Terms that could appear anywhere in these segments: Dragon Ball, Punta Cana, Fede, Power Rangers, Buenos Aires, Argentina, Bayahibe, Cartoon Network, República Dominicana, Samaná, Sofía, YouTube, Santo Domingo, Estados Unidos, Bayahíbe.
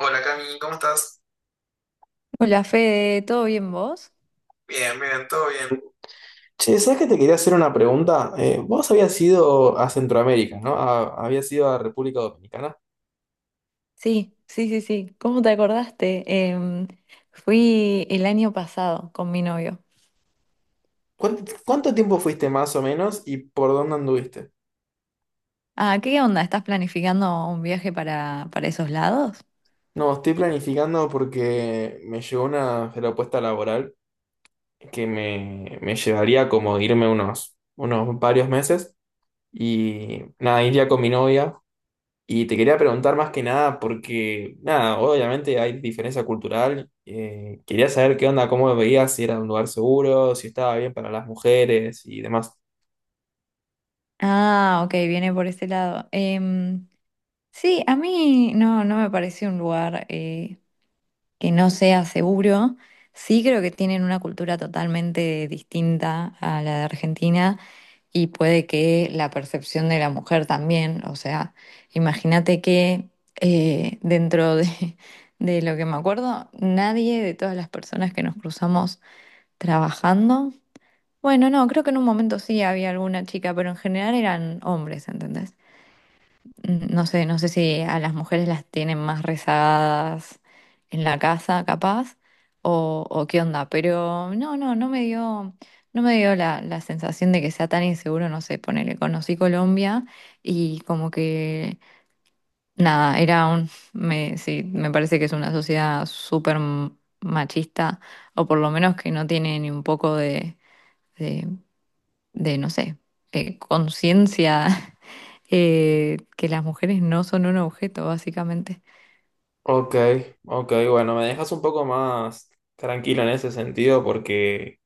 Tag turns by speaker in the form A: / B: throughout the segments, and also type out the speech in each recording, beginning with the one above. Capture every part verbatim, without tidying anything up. A: Hola Cami, ¿cómo estás?
B: Hola Fede, ¿todo bien vos?
A: Bien, bien, todo bien. Che, ¿sabes que te quería hacer una pregunta? Eh, vos habías ido a Centroamérica, ¿no? A- habías ido a República Dominicana.
B: Sí, sí, sí, sí. ¿Cómo te acordaste? Em, fui el año pasado con mi novio.
A: ¿Cuán- ¿Cuánto tiempo fuiste más o menos y por dónde anduviste?
B: Ah, ¿qué onda? ¿Estás planificando un viaje para, para esos lados?
A: No, estoy planificando porque me llegó una propuesta laboral que me, me llevaría como irme unos, unos varios meses y nada, iría con mi novia. Y te quería preguntar más que nada porque, nada, obviamente hay diferencia cultural. Eh, quería saber qué onda, cómo veías, si era un lugar seguro, si estaba bien para las mujeres y demás.
B: Ah, ok, viene por ese lado. Em, sí, a mí no, no me pareció un lugar, eh, que no sea seguro. Sí creo que tienen una cultura totalmente distinta a la de Argentina y puede que la percepción de la mujer también, o sea, imagínate que eh, dentro de, de lo que me acuerdo, nadie de todas las personas que nos cruzamos trabajando, bueno, no, creo que en un momento sí había alguna chica, pero en general eran hombres, ¿entendés? No sé, no sé si a las mujeres las tienen más rezagadas en la casa, capaz, o, o qué onda, pero no, no, no me dio, no me dio la, la sensación de que sea tan inseguro, no sé, ponele, conocí Colombia y como que, nada, era un, me, sí, me parece que es una sociedad súper m- machista, o por lo menos que no tiene ni un poco de, de, de, no sé, eh, conciencia, eh, que las mujeres no son un objeto, básicamente.
A: Ok, ok, bueno, me dejas un poco más tranquilo en ese sentido porque,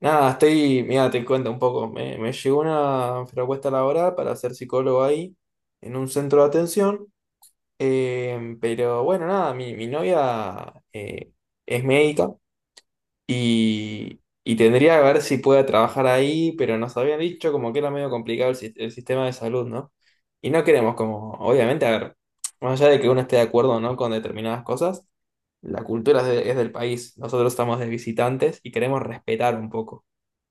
A: nada, estoy, mira, te cuento un poco, me, me llegó una propuesta laboral para ser psicólogo ahí, en un centro de atención, eh, pero bueno, nada, mi, mi novia eh, es médica. Y, y tendría que ver si pueda trabajar ahí, pero nos habían dicho como que era medio complicado el, sis- el sistema de salud, ¿no? Y no queremos como, obviamente, a ver, más allá de que uno esté de acuerdo o no con determinadas cosas, la cultura es, de- es del país, nosotros estamos de visitantes y queremos respetar un poco.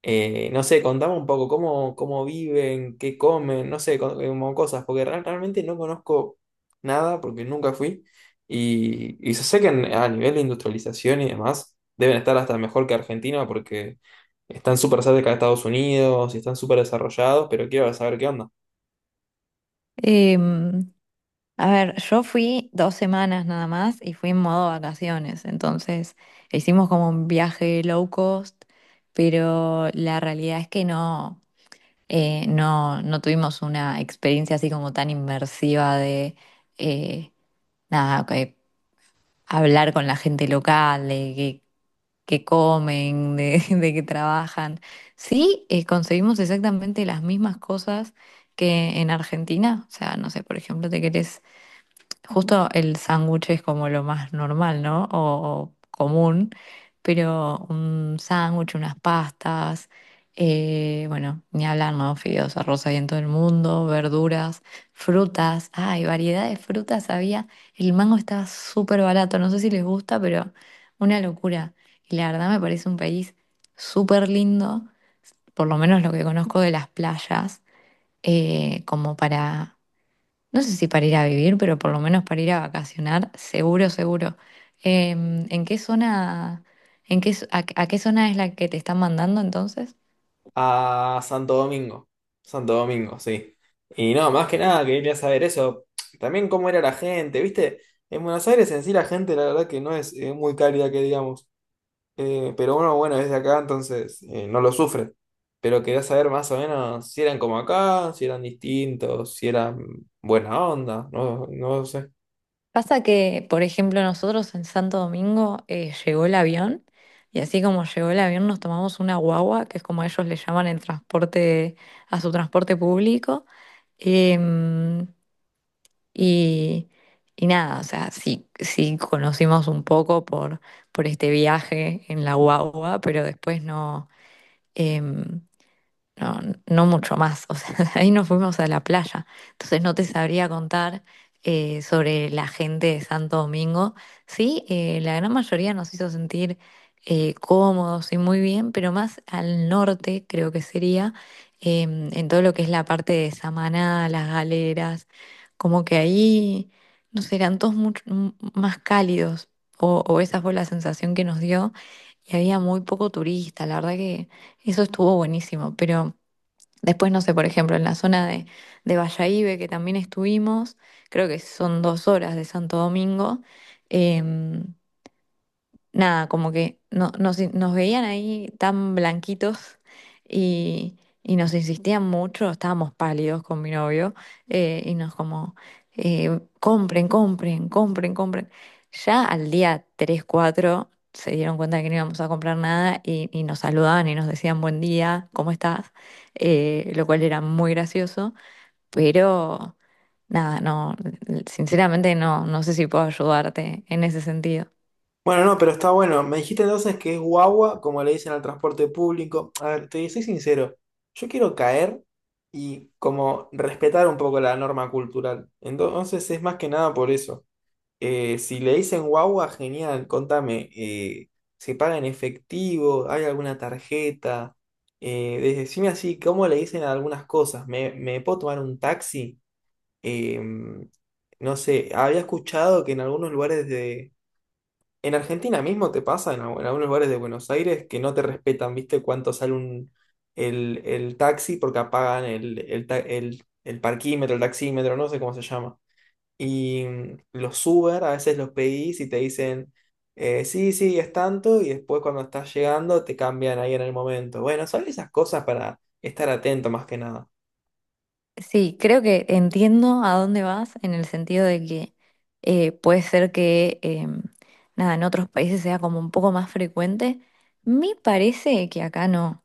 A: Eh, no sé, contame un poco cómo, cómo viven, qué comen, no sé, co- como cosas, porque real- realmente no conozco nada porque nunca fui. Y, y yo sé que en- a nivel de industrialización y demás, deben estar hasta mejor que Argentina porque están súper cerca de Estados Unidos y están súper desarrollados, pero quiero saber qué onda.
B: Em, a ver, yo fui dos semanas nada más y fui en modo vacaciones, entonces hicimos como un viaje low cost, pero la realidad es que no, eh, no, no tuvimos una experiencia así como tan inmersiva de eh, nada, que hablar con la gente local, de que comen, de, de que trabajan. Sí, eh, conseguimos exactamente las mismas cosas que en Argentina. O sea, no sé, por ejemplo, te querés Justo el sándwich es como lo más normal, ¿no? O, o común, pero un sándwich, unas pastas, eh, bueno, ni hablar, ¿no? Fideos, arroz ahí en todo el mundo, verduras, frutas, ay, variedad de frutas había. El mango estaba súper barato, no sé si les gusta, pero una locura. Y la verdad me parece un país súper lindo, por lo menos lo que conozco de las playas, eh, como para no sé si para ir a vivir, pero por lo menos para ir a vacacionar, seguro, seguro. Em, ¿en qué zona, en qué, a, a qué zona es la que te están mandando entonces?
A: A Santo Domingo. Santo Domingo, sí. Y no, más que nada quería saber eso. También cómo era la gente, ¿viste? En Buenos Aires en sí la gente, la verdad que no es, eh, muy cálida que digamos. Eh, pero bueno, bueno, es de acá, entonces eh, no lo sufren. Pero quería saber más o menos si eran como acá, si eran distintos, si eran buena onda, no, no sé.
B: Pasa que, por ejemplo, nosotros en Santo Domingo eh, llegó el avión y así como llegó el avión nos tomamos una guagua, que es como ellos le llaman el transporte, a su transporte público. Em, Y, y nada, o sea, sí, sí conocimos un poco por, por este viaje en la guagua, pero después no. em, no, no mucho más. O sea, de ahí nos fuimos a la playa. Entonces no te sabría contar eh, sobre la gente de Santo Domingo. Sí, eh, la gran mayoría nos hizo sentir eh, cómodos y muy bien, pero más al norte creo que sería, em, en todo lo que es la parte de Samaná, las galeras, como que ahí, no sé, eran todos mucho m- más cálidos, o, o esa fue la sensación que nos dio, y había muy poco turista, la verdad que... Eso estuvo buenísimo, pero después, no sé, por ejemplo, en la zona de, de Bayahibe, que también estuvimos, creo que son dos horas de Santo Domingo, em, nada, como que no, nos, nos veían ahí tan blanquitos y, y nos insistían mucho, estábamos pálidos con mi novio, eh, y nos como, eh, compren, compren, compren, compren. Ya al día tres cuatro se dieron cuenta de que no íbamos a comprar nada y, y nos saludaban y nos decían buen día, ¿cómo estás? Eh, lo cual era muy gracioso, pero nada, no, sinceramente no, no sé si puedo ayudarte en ese sentido.
A: Bueno, no, pero está bueno. Me dijiste entonces que es guagua, como le dicen al transporte público. A ver, te soy sincero, yo quiero caer y como respetar un poco la norma cultural. Entonces es más que nada por eso. Eh, si le dicen guagua, genial, contame, eh, ¿se paga en efectivo? ¿Hay alguna tarjeta? Eh, de- decime así, ¿cómo le dicen a algunas cosas? ¿Me, Me puedo tomar un taxi? Em, no sé, había escuchado que en algunos lugares de... En Argentina mismo te pasa, en, algu- en algunos lugares de Buenos Aires, que no te respetan, ¿viste? Cuánto sale un, el, el taxi porque apagan el, el, ta- el el parquímetro, el taxímetro, no sé cómo se llama. Y mm, los Uber a veces los pedís y te dicen, eh, sí, sí, es tanto, y después cuando estás llegando te cambian ahí en el momento. Bueno, son esas cosas para estar atento más que nada.
B: Sí, creo que entiendo a dónde vas en el sentido de que eh, puede ser que em, nada, en otros países sea como un poco más frecuente. Me parece que acá no.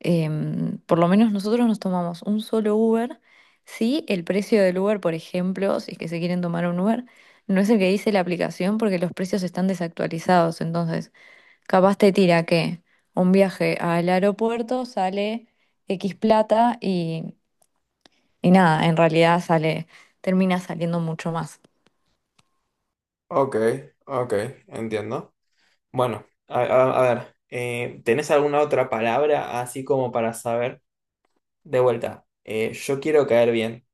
B: Em, por lo menos nosotros nos tomamos un solo Uber. Si el precio del Uber, por ejemplo, si es que se quieren tomar un Uber, no es el que dice la aplicación porque los precios están desactualizados. Entonces, capaz te tira que un viaje al aeropuerto sale X plata y nada, en realidad sale, termina saliendo mucho más.
A: Ok, ok, entiendo. Bueno, a, a- a ver, eh, ¿tenés alguna otra palabra así como para saber? De vuelta, eh, yo quiero caer bien.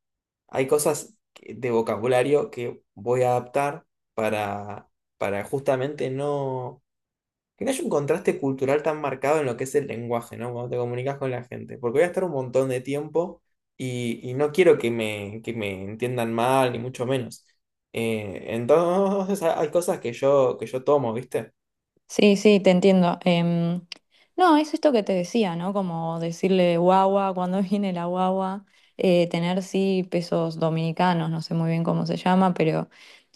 A: Hay cosas que- de vocabulario que voy a adaptar para, para justamente no. Que no haya un contraste cultural tan marcado en lo que es el lenguaje, ¿no? Cuando te comunicas con la gente. Porque voy a estar un montón de tiempo y, y no quiero que me, que me entiendan mal, ni mucho menos. Eh, entonces ha- hay cosas que yo, que yo tomo, ¿viste?
B: Sí, sí, te entiendo. Em, no, es esto que te decía, ¿no? Como decirle guagua, cuando viene la guagua, eh, tener sí pesos dominicanos, no sé muy bien cómo se llama, pero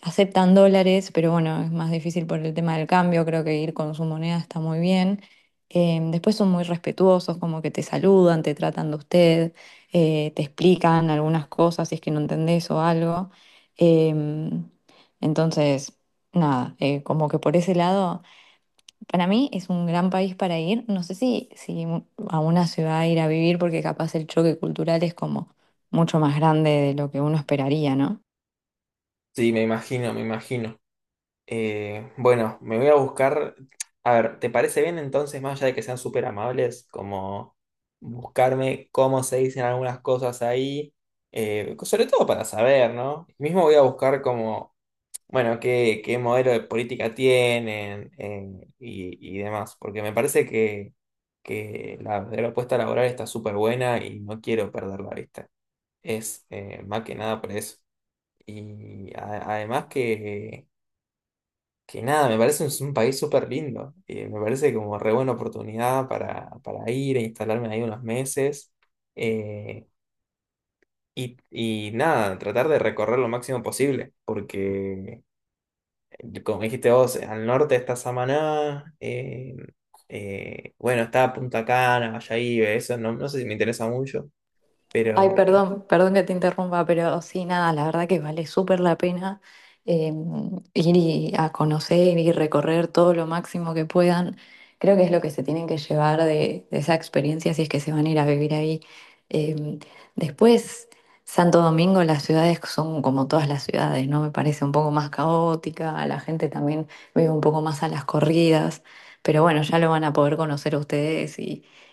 B: aceptan dólares, pero bueno, es más difícil por el tema del cambio, creo que ir con su moneda está muy bien. Em, después son muy respetuosos, como que te saludan, te tratan de usted, eh, te explican algunas cosas si es que no entendés o algo. Em, entonces, nada, eh, como que por ese lado... Para mí es un gran país para ir. No sé si, si a una ciudad ir a vivir, porque capaz el choque cultural es como mucho más grande de lo que uno esperaría, ¿no?
A: Sí, me imagino, me imagino. Eh, bueno, me voy a buscar. A ver, ¿te parece bien entonces, más allá de que sean súper amables, como buscarme cómo se dicen algunas cosas ahí? Eh, sobre todo para saber, ¿no? Mismo voy a buscar como bueno, qué, qué modelo de política tienen eh, y, y demás, porque me parece que, que la verdadera propuesta laboral está súper buena y no quiero perder la vista. Es eh, más que nada por eso. Y a- además que, que nada, me parece un, un país súper lindo. Y me parece como re buena oportunidad para, para ir e instalarme ahí unos meses. Eh, y, y nada, tratar de recorrer lo máximo posible, porque... como dijiste vos, al norte está Samaná, eh, eh, bueno, está Punta Cana, Bayahíbe, eso no, no sé si me interesa mucho,
B: Ay,
A: pero
B: perdón, perdón que te interrumpa, pero sí, nada, la verdad que vale súper la pena eh, ir y- a conocer y recorrer todo lo máximo que puedan. Creo que es lo que se tienen que llevar de, de esa experiencia si es que se van a ir a vivir ahí. Eh, después, Santo Domingo, las ciudades son como todas las ciudades, ¿no? Me parece un poco más caótica, la gente también vive un poco más a las corridas, pero bueno, ya lo van a poder conocer ustedes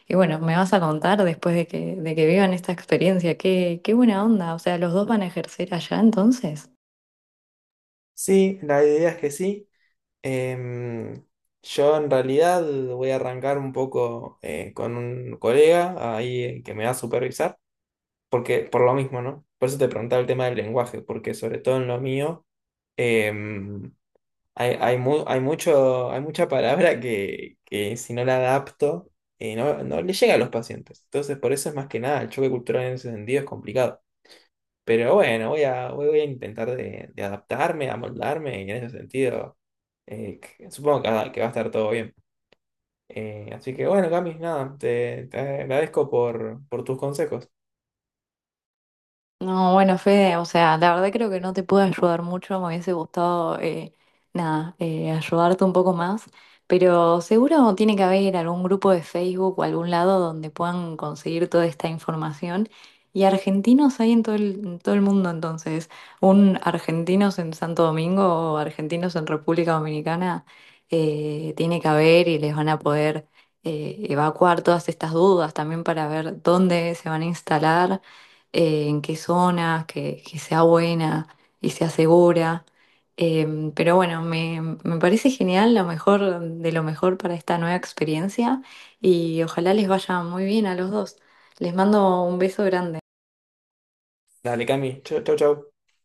B: y bueno, me vas a contar después de que, de que vivan esta experiencia, qué, qué buena onda. O sea, ¿los dos van a ejercer allá entonces?
A: sí, la idea es que sí. Em, yo en realidad voy a arrancar un poco eh, con un colega ahí eh, que me va a supervisar, porque por lo mismo, ¿no? Por eso te preguntaba el tema del lenguaje, porque sobre todo en lo mío em, Hay, hay, mu- hay mucho, hay mucha palabra que, que si no la adapto, eh, no, no le llega a los pacientes. Entonces, por eso es más que nada, el choque cultural en ese sentido es complicado. Pero bueno, voy a, voy voy a intentar de, de adaptarme, amoldarme, y en ese sentido, eh, que- supongo que va, que va a estar todo bien. Eh, así que bueno, Cami, nada, te, te agradezco por, por tus consejos.
B: No, bueno, Fede, o sea, la verdad creo que no te pude ayudar mucho, me hubiese gustado, eh, nada, eh, ayudarte un poco más, pero seguro tiene que haber algún grupo de Facebook o algún lado donde puedan conseguir toda esta información. Y argentinos hay en todo el, en todo el mundo, entonces, un argentinos en Santo Domingo o argentinos en República Dominicana, eh, tiene que haber y les van a poder eh, evacuar todas estas dudas también para ver dónde se van a instalar, eh, en qué zonas, que, que sea buena y sea segura. Eh, pero bueno, me, me parece genial, lo mejor de lo mejor para esta nueva experiencia y ojalá les vaya muy bien a los dos. Les mando un beso grande.
A: Dale, Cami, chau, chau, chau.